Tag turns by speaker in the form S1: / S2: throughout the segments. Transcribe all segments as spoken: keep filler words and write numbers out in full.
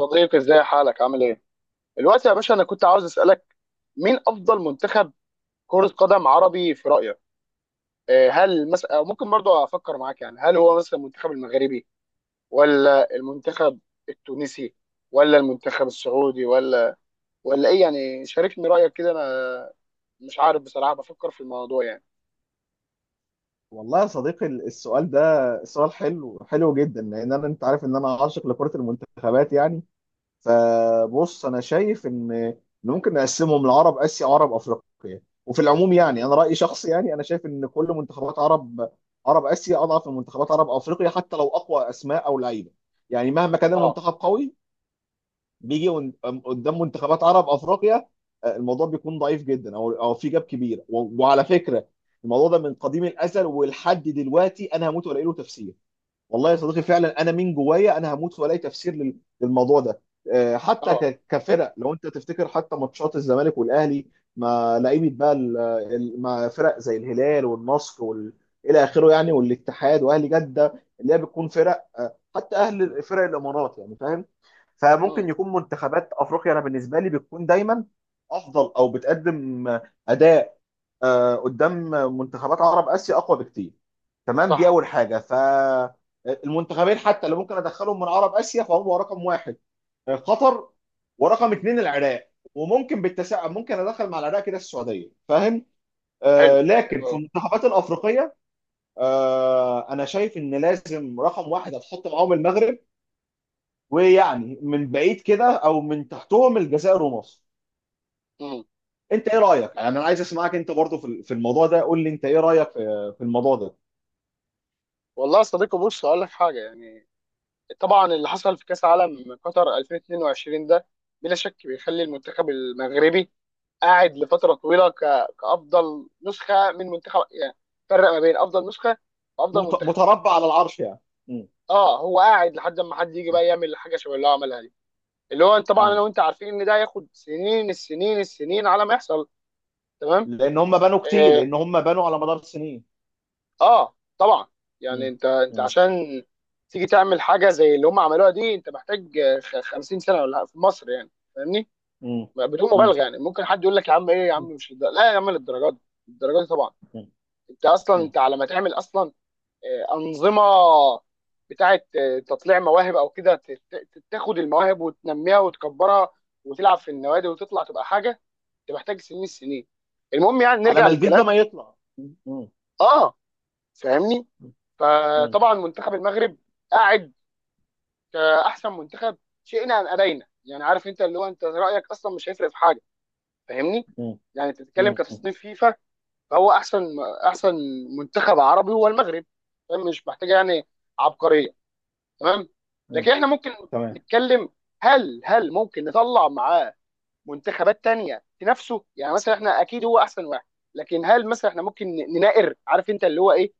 S1: صديقي ازاي حالك عامل ايه؟ دلوقتي يا باشا انا كنت عاوز اسالك مين افضل منتخب كرة قدم عربي في رأيك؟ آه، هل مثلا أو ممكن برضو افكر معاك يعني هل هو مثلا المنتخب المغربي ولا المنتخب التونسي ولا المنتخب السعودي ولا ولا ايه يعني شاركني رأيك كده انا مش عارف بصراحة بفكر في الموضوع يعني.
S2: والله يا صديقي السؤال ده سؤال حلو حلو جدا لان انا انت عارف ان انا عاشق لكرة المنتخبات يعني. فبص انا شايف ان إن ممكن نقسمهم لعرب اسيا وعرب افريقيا، وفي العموم يعني
S1: امم
S2: انا رأيي شخصي، يعني انا شايف ان كل منتخبات عرب عرب اسيا اضعف من منتخبات عرب افريقيا، حتى لو اقوى اسماء او لعيبة. يعني مهما كان
S1: اه.
S2: المنتخب قوي بيجي ون- أم- قدام منتخبات عرب افريقيا، آه، الموضوع بيكون ضعيف جدا، او او في جاب كبير، و- وعلى فكره الموضوع ده من قديم الازل ولحد دلوقتي انا هموت والاقي له تفسير. والله يا صديقي فعلا انا من جوايا انا هموت والاقي تفسير لل- للموضوع ده. آه، حتى
S1: اه.
S2: ك- كفرق، لو انت تفتكر حتى ماتشات الزمالك والاهلي، ما لعيبه بقى ال- ال- مع فرق زي الهلال والنصر وال... الى اخره، يعني والاتحاد واهلي جده، اللي هي بتكون فرق، آه، حتى اهل فرق الامارات يعني، فاهم؟
S1: امم
S2: فممكن يكون منتخبات افريقيا انا بالنسبه لي بتكون دايما افضل او بتقدم اداء آه، قدام منتخبات عرب اسيا، اقوى بكتير. تمام؟ دي
S1: صح.
S2: اول حاجه. فالمنتخبين حتى اللي ممكن ادخلهم من عرب اسيا فهم رقم واحد آه، قطر، ورقم اثنين العراق، وممكن بالتساؤل ممكن ادخل مع العراق كده السعوديه، فاهم؟
S1: حلو.
S2: آه
S1: حلو
S2: لكن في
S1: قوي.
S2: المنتخبات الافريقيه، آه انا شايف ان لازم رقم واحد هتحط معاهم المغرب، ويعني من بعيد كده او من تحتهم الجزائر ومصر.
S1: امم
S2: انت ايه رايك؟ يعني انا عايز اسمعك انت برضه في في الموضوع ده، قول لي انت ايه رايك في في الموضوع ده.
S1: والله يا صديقي، بص هقول لك حاجة يعني. طبعا اللي حصل في كاس عالم قطر الفين واتنين وعشرين ده بلا شك بيخلي المنتخب المغربي قاعد لفتره طويله ك- كافضل نسخه من منتخب يعني. فرق ما بين افضل نسخه وافضل
S2: مت-
S1: منتخب.
S2: متربع على العرش يعني. مم.
S1: اه، هو قاعد لحد ما حد يجي بقى يعمل حاجه شبه اللي هو عملها دي، اللي هو طبعا
S2: مم.
S1: انا وانت عارفين ان ده هياخد سنين السنين السنين على ما يحصل. تمام.
S2: لان هم بنوا كتير،
S1: اه,
S2: لان هم بنوا على مدار السنين.
S1: آه طبعا. يعني
S2: مم.
S1: انت انت
S2: مم.
S1: عشان تيجي تعمل حاجه زي اللي هم عملوها دي، انت محتاج آه، خ- خمسين سنه ولا في مصر يعني. فاهمني،
S2: مم.
S1: بدون
S2: مم.
S1: مبالغه. يعني ممكن حد يقول لك يا عم ايه يا عم مش للدرجة. لا يا عم للدرجات دي. الدرجات دي طبعا.
S2: مم.
S1: انت اصلا
S2: مم.
S1: انت على ما تعمل اصلا آه، انظمه بتاعه آه، تطليع مواهب او كده، ت- ت- تاخد المواهب وتنميها وتكبرها وتلعب في النوادي وتطلع تبقى حاجه. انت محتاج سنين السنين. المهم يعني
S2: على
S1: نرجع
S2: ما الجلد ده
S1: للكلام.
S2: ما يطلع. مم. مم.
S1: اه، فاهمني.
S2: مم.
S1: فطبعا منتخب المغرب قاعد كاحسن منتخب شئنا ام ابينا. يعني عارف انت اللي هو انت رايك اصلا مش هيفرق في حاجه. فاهمني، يعني انت بتتكلم
S2: مم.
S1: كتصنيف فيفا، فهو احسن، احسن منتخب عربي هو المغرب. فاهم؟ مش محتاجه يعني عبقريه. تمام. لكن
S2: مم.
S1: احنا ممكن
S2: تمام.
S1: نتكلم، هل هل ممكن نطلع معاه منتخبات تانية تنافسه. يعني مثلا احنا اكيد هو احسن واحد، لكن هل مثلا احنا ممكن نناقر؟ عارف انت اللي هو ايه،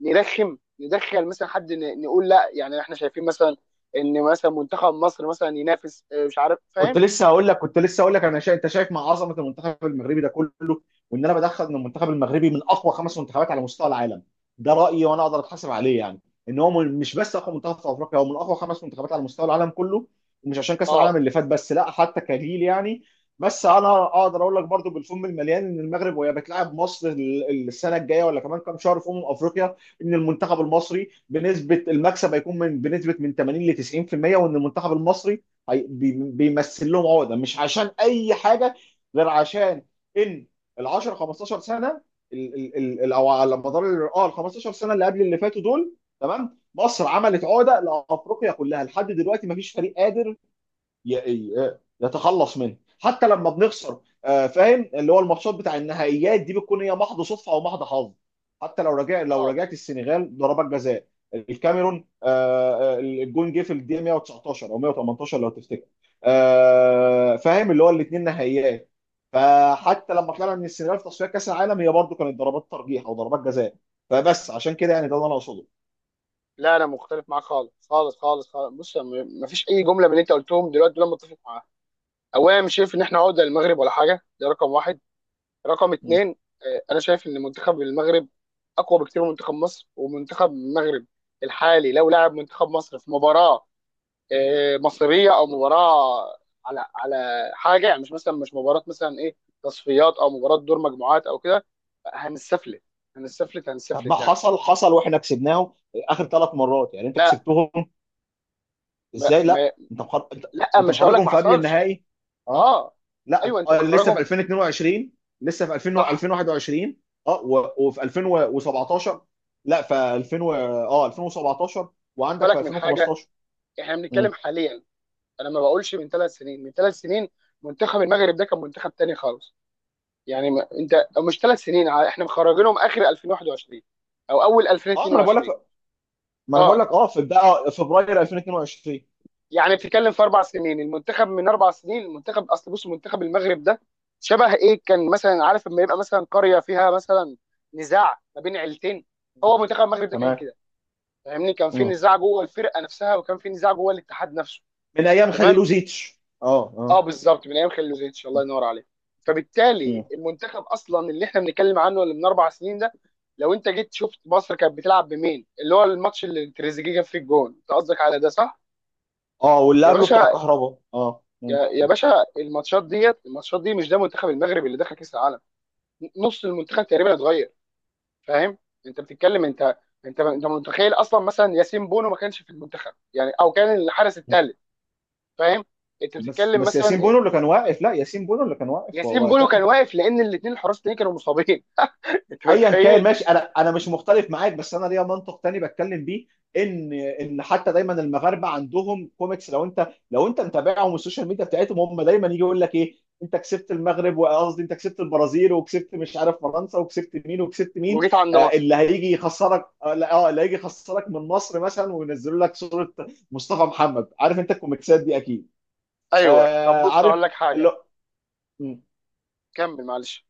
S1: نرخم، ندخل مثلا حد، ن- نقول لا، يعني احنا شايفين مثلا ان مثلا منتخب مصر مثلا ينافس. آه، مش عارف،
S2: كنت
S1: فاهم.
S2: لسه هقول لك كنت لسه هقول لك انا شا... انت شايف مع عظمه المنتخب المغربي ده كله، وان انا بدخل ان المنتخب المغربي من اقوى خمس منتخبات على مستوى العالم. ده رايي وانا اقدر اتحاسب عليه يعني. ان هو من- مش بس اقوى منتخب في افريقيا، هو من اقوى خمس منتخبات على مستوى العالم كله، ومش عشان كاس العالم
S1: اه.
S2: اللي فات بس، لا، حتى كجيل يعني. بس انا اقدر اقول لك برضو بالفم المليان ان المغرب وهي بتلعب مصر ال- السنه الجايه، ولا كمان كام شهر في امم افريقيا، ان المنتخب المصري بنسبه المكسب هيكون من بنسبه من ثمانين ل تسعين في المية، وان المنتخب المصري هي- بي- بيمثل لهم عقده، مش عشان اي حاجه غير عشان ان ال عشر خمستاشر سنه، ال ال ال ال- او على مدار ال- اه ال خمسة عشر سنه اللي قبل اللي فاتوا دول، تمام؟ مصر عملت عقده لافريقيا كلها، لحد دلوقتي ما فيش فريق قادر ي- يتخلص منه. حتى لما بنخسر، آه، فاهم، اللي هو الماتشات بتاع النهائيات دي بتكون هي محض صدفه او محض حظ. حتى لو رجع لو
S1: اه.
S2: رجعت السنغال ضربات جزاء، الكاميرون، آه، آه، الجون جه في الدقيقه مية وتسعتاشر او مية وتمنتاشر لو تفتكر، آه، فاهم اللي هو الاثنين نهائيات. فحتى لما طلعنا من السنغال في تصفيات كاس العالم، هي برضو كانت ضربات ترجيح او ضربات جزاء. فبس عشان كده يعني، ده اللي انا اقصده.
S1: لا، انا مختلف معاك خالص خالص خالص خالص. بص، ما فيش اي جمله من اللي انت قلتهم دلوقتي دول أنا متفق معاها. اولا مش شايف ان احنا عقده للمغرب ولا حاجه، ده رقم واحد. رقم اتنين، آه، انا شايف ان منتخب المغرب اقوى بكتير من منتخب مصر. ومنتخب المغرب الحالي لو لعب منتخب مصر في مباراه آه، مصريه او مباراه على على حاجه يعني، مش مثلا مش مباراه مثلا ايه تصفيات او مباراه دور مجموعات او كده، هنستفلت. هنستفلت
S2: طب ما
S1: هنستفلت يعني.
S2: حصل حصل، واحنا كسبناهم اخر ثلاث مرات يعني. انت
S1: لا.
S2: كسبتهم
S1: ما
S2: ازاي؟
S1: ما
S2: لا، انت محر... انت
S1: لا
S2: انت
S1: مش هقول لك
S2: محركهم
S1: ما
S2: في قبل
S1: حصلش.
S2: النهائي. اه،
S1: اه.
S2: لا،
S1: ايوه انت
S2: آه، لسه في
S1: مخرجهم.
S2: الفين واتنين وعشرين، لسه في الفين و-
S1: صح.
S2: الفين وواحد وعشرين، اه، و... وفي الفين وسبعتاشر. لا، في الفين و... اه الفين وسبعتاشر،
S1: خد
S2: وعندك في
S1: بالك من حاجه،
S2: الفين وخمستاشر.
S1: احنا
S2: مم.
S1: بنتكلم حاليا. انا ما بقولش من ثلاث سنين. من ثلاث سنين منتخب المغرب ده كان منتخب تاني خالص. يعني ما انت مش ثلاث سنين، ع- احنا مخرجينهم اخر الفين وواحد وعشرين او اول
S2: اه، ما انا بقول لك
S1: الفين واتنين وعشرين.
S2: ما انا بقول
S1: اه،
S2: لك، اه، في بقى فبراير الفين واتنين وعشرين.
S1: يعني بتتكلم في اربع سنين، المنتخب من اربع سنين. المنتخب اصل، بص منتخب المغرب ده شبه ايه؟ كان مثلا، عارف لما يبقى مثلا قريه فيها مثلا نزاع ما بين عيلتين، هو منتخب المغرب ده كان
S2: تمام.
S1: كده. فاهمني، كان في
S2: مم.
S1: نزاع جوه الفرقه نفسها، وكان في نزاع جوه الاتحاد نفسه.
S2: من ايام
S1: تمام.
S2: خليلوزيتش، اه،
S1: اه
S2: اه.
S1: بالظبط، من ايام خليلوزيتش، الله ينور عليك. فبالتالي
S2: مم.
S1: المنتخب اصلا اللي احنا بنتكلم عنه اللي من اربع سنين ده، لو انت جيت شفت مصر كانت بتلعب بمين، اللي هو الماتش اللي تريزيجيه جاب فيه الجون، انت قصدك على ده، صح؟
S2: اه، واللي
S1: يا
S2: قبله بتاع
S1: باشا،
S2: كهربا، اه. مم.
S1: يا, يا باشا الماتشات ديت الماتشات دي مش ده منتخب المغرب اللي دخل كاس العالم. نص المنتخب تقريبا اتغير. فاهم، انت بتتكلم. انت انت انت متخيل اصلا مثلا ياسين بونو ما كانش في المنتخب يعني، او كان الحارس الثالث. فاهم، انت
S2: بس
S1: بتتكلم
S2: بس ياسين
S1: مثلا
S2: بونو اللي كان واقف، لا، ياسين بونو اللي كان واقف
S1: ياسين بونو كان
S2: وقتها.
S1: واقف لان الاثنين الحراس التانيين كانوا مصابين. انت
S2: ايا كان،
S1: متخيل؟
S2: ماشي، انا انا مش مختلف معاك، بس انا ليا منطق تاني بتكلم بيه، ان ان حتى دايما المغاربه عندهم كوميكس، لو انت لو انت متابعهم والسوشيال ميديا بتاعتهم، هم دايما يجي يقول لك ايه، انت كسبت المغرب، وقصدي انت كسبت البرازيل، وكسبت مش عارف فرنسا، وكسبت مين وكسبت مين.
S1: وجيت عند
S2: آه
S1: مصر.
S2: اللي هيجي يخسرك، اه، لا، آه، اللي هيجي يخسرك من مصر مثلا، وينزلوا لك صوره مصطفى محمد، عارف انت الكوميكسات دي اكيد.
S1: ايوه. طب
S2: آه
S1: بص
S2: عارف
S1: هقول لك حاجه،
S2: اللي-
S1: كمل معلش.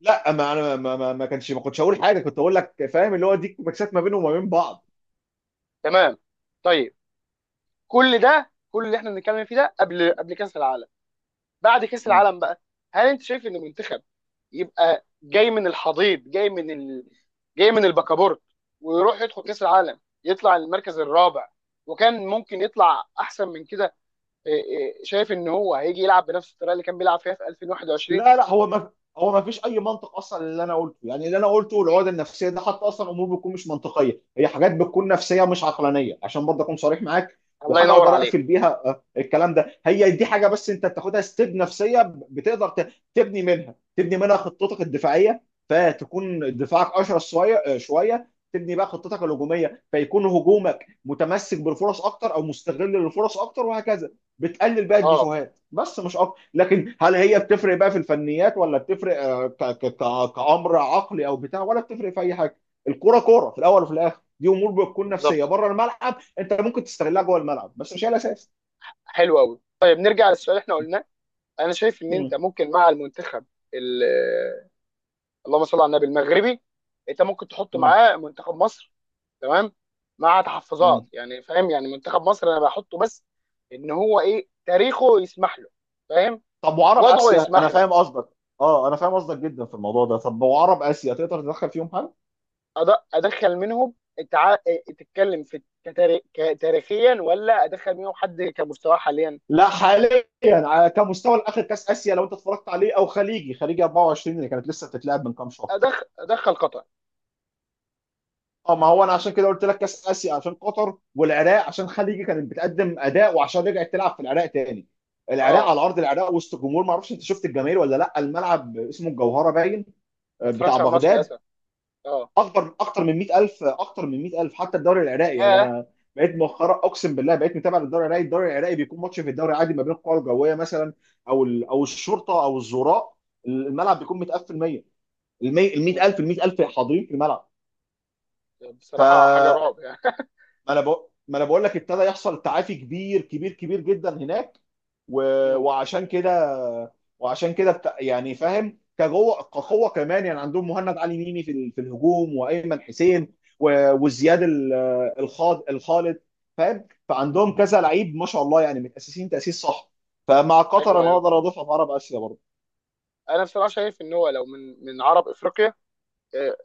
S2: لا، ما انا ما ما, ما كانش ما كنتش هقول حاجه، كنت اقول لك فاهم اللي هو دي مكسات ما بينهم وما بين بعض.
S1: تمام. طيب، كل ده كل اللي احنا بنتكلم فيه ده قبل قبل كاس العالم. بعد كاس العالم بقى، هل انت شايف ان المنتخب يبقى جاي من الحضيض، جاي من ال... جاي من البكابورت، ويروح يدخل كاس العالم يطلع المركز الرابع، وكان ممكن يطلع احسن من كده، إيه، إيه، شايف ان هو هيجي يلعب بنفس الطريقه اللي كان بيلعب فيها في الفين وواحد وعشرين؟
S2: لا لا، هو ما هو ما فيش اي منطق اصلا اللي انا قلته، يعني اللي انا قلته العقد النفسيه ده حتى اصلا، امور بتكون مش منطقيه، هي حاجات بتكون نفسيه مش عقلانيه، عشان برضه اكون صريح معاك.
S1: الله
S2: وحاجه
S1: ينور
S2: اقدر اقفل
S1: عليك.
S2: بيها آه، الكلام ده، هي دي حاجه بس انت بتاخدها ستيب نفسيه، بتقدر ت- تبني منها، تبني منها خطتك الدفاعيه، فتكون دفاعك اشرس شويه، آه، شويه تبني بقى خطتك الهجوميه، فيكون هجومك متمسك بالفرص اكتر او مستغل للفرص اكتر، وهكذا. بتقلل بقى
S1: اه
S2: الديفوهات، بس مش اكتر. لكن هل هي بتفرق بقى في الفنيات؟ ولا بتفرق آه، ك- ك- ك- كأمر عقلي او بتاع، ولا بتفرق في اي حاجه؟ الكوره كوره في الاول وفي الاخر، دي امور بتكون نفسيه
S1: بالظبط.
S2: بره الملعب، انت ممكن تستغلها جوه الملعب، بس مش هي الاساس.
S1: حلو قوي. طيب نرجع للسؤال اللي احنا قلناه. انا شايف ان انت
S2: مم.
S1: ممكن مع المنتخب ال- آه، اللهم صل على النبي، المغربي، انت ممكن تحط
S2: مم.
S1: معاه منتخب مصر. تمام، مع
S2: مم.
S1: تحفظات يعني. فاهم يعني منتخب مصر انا بحطه بس ان هو ايه، تاريخه يسمح له، فاهم،
S2: طب وعرب
S1: وضعه
S2: اسيا، انا
S1: يسمح له.
S2: فاهم قصدك. اه، انا فاهم قصدك جدا في الموضوع ده. طب وعرب اسيا تقدر تدخل فيهم حاجه؟
S1: أد- ادخل منهم التع... تتكلم في كتاري... ك- تاريخيا، ولا ادخل منهم حد كمستواه حاليا؟
S2: لا، حاليا على كمستوى الاخر كاس اسيا لو انت اتفرجت عليه، او خليجي خليجي اربعة وعشرين اللي كانت لسه بتتلعب من كام شهر.
S1: أدخ... ادخل قطر.
S2: اه، ما هو انا عشان كده قلت لك كاس اسيا عشان قطر والعراق، عشان خليجي كانت بتقدم اداء، وعشان رجعت تلعب في العراق تاني، العراق
S1: اه.
S2: على ارض العراق وسط جمهور. ما اعرفش انت شفت الجماهير ولا لا، الملعب اسمه الجوهره، باين
S1: ما
S2: آه، بتاع
S1: اتفرجش على الماتش
S2: بغداد،
S1: للاسف. اه.
S2: اكبر، اكتر من مائة ألف، اكتر من مائة ألف. حتى الدوري العراقي، يعني
S1: ياه.
S2: انا بقيت مؤخرا اقسم بالله بقيت متابع للدوري العراقي. الدوري العراقي بيكون ماتش في الدوري عادي ما بين القوى الجويه مثلا، او ال- او الشرطه او الزوراء، الملعب بيكون متقفل مية، ال
S1: مم.
S2: مائة ألف، ال مية الف حاضرين في الملعب. ف،
S1: بصراحه حاجه رعب يعني.
S2: ما انا بقول ما انا بقول لك ابتدى يحصل تعافي كبير كبير كبير جدا هناك، و...
S1: مم.
S2: وعشان كده، وعشان كده بت... يعني فاهم كجوه كقوه كمان. يعني عندهم مهند علي ميمي في ال- في الهجوم وايمن حسين، و... وزياد ال- الخاض الخالد، فاهم؟
S1: مم.
S2: فعندهم كذا لعيب ما شاء الله يعني، متاسسين تاسيس صح. فمع قطر
S1: ايوه
S2: انا
S1: ايوه.
S2: اقدر اضيفها في عرب اسيا برضه.
S1: انا بصراحه شايف ان هو لو من من عرب افريقيا، آه،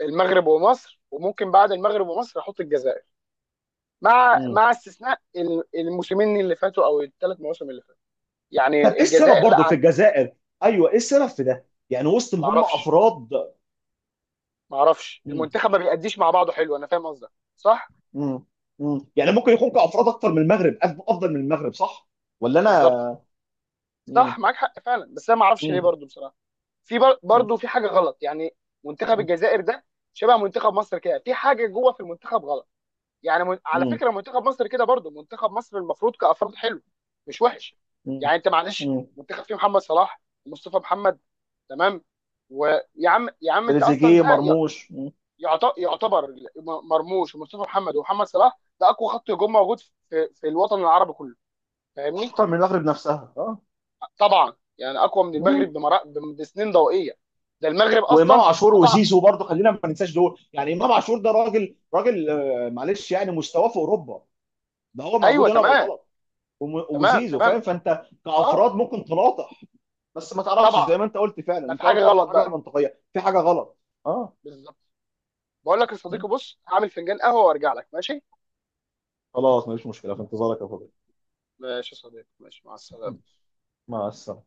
S1: المغرب ومصر. وممكن بعد المغرب ومصر احط الجزائر، مع
S2: مم.
S1: مع استثناء ال- الموسمين اللي فاتوا او الثلاث مواسم اللي فاتوا، يعني
S2: طب ايه السبب
S1: الجزائر لا
S2: برضه في
S1: عن...
S2: الجزائر؟ ايوه ايه السبب في ده؟ يعني وسط
S1: ما
S2: ما هم
S1: اعرفش،
S2: افراد.
S1: ما اعرفش.
S2: مم.
S1: المنتخب ما بيأديش مع بعضه حلو. انا فاهم قصدك. صح.
S2: مم. مم. يعني ممكن يكون كافراد اكتر من المغرب، أف- افضل من المغرب، صح ولا
S1: بالظبط.
S2: انا؟ مم.
S1: صح، معاك حق فعلا، بس انا ما اعرفش ليه
S2: مم.
S1: برضو بصراحه. في بر-
S2: مم.
S1: برضو في حاجه غلط يعني. منتخب الجزائر ده شبه منتخب مصر كده، في حاجه جوه في المنتخب غلط. يعني من... على
S2: مم.
S1: فكره منتخب مصر كده برضو، منتخب مصر المفروض كافراد حلو، مش وحش.
S2: مم.
S1: يعني انت معلش
S2: مم.
S1: منتخب فيه محمد صلاح ومصطفى محمد، تمام، ويا عم يا عم انت اصلا
S2: تريزيجيه
S1: ده
S2: مرموش. مم.
S1: يعت- يعتبر. م- مرموش ومصطفى محمد ومحمد صلاح ده اقوى خط هجوم موجود في في الوطن العربي كله. فاهمني،
S2: اكتر من المغرب نفسها، اه.
S1: طبعا يعني اقوى من المغرب
S2: مم.
S1: بمرا- بم- بسنين ضوئيه. ده المغرب
S2: وامام
S1: اصلا.
S2: عاشور
S1: طبعا.
S2: وزيزو برضه، خلينا ما ننساش دول، يعني امام عاشور ده راجل راجل، آه، معلش يعني، مستواه في اوروبا، ده هو موجود
S1: ايوه
S2: هنا
S1: تمام.
S2: بالغلط. وم-
S1: تمام.
S2: وزيزو
S1: تمام.
S2: فاهم؟ فانت
S1: اه
S2: كافراد ممكن تناطح، بس ما تعرفش، زي
S1: طبعا.
S2: ما انت قلت فعلا،
S1: ما في
S2: انت
S1: حاجه
S2: قلت اكتر
S1: غلط
S2: حاجه
S1: بقى.
S2: منطقيه، في حاجه غلط. اه.
S1: بالظبط. بقول لك يا صديقي، بص هعمل فنجان قهوه وارجع لك، ماشي؟
S2: خلاص، مفيش مشكلة، في انتظارك يا فضل.
S1: ماشي يا صديقي، ماشي، مع السلامه.
S2: مع السلامة.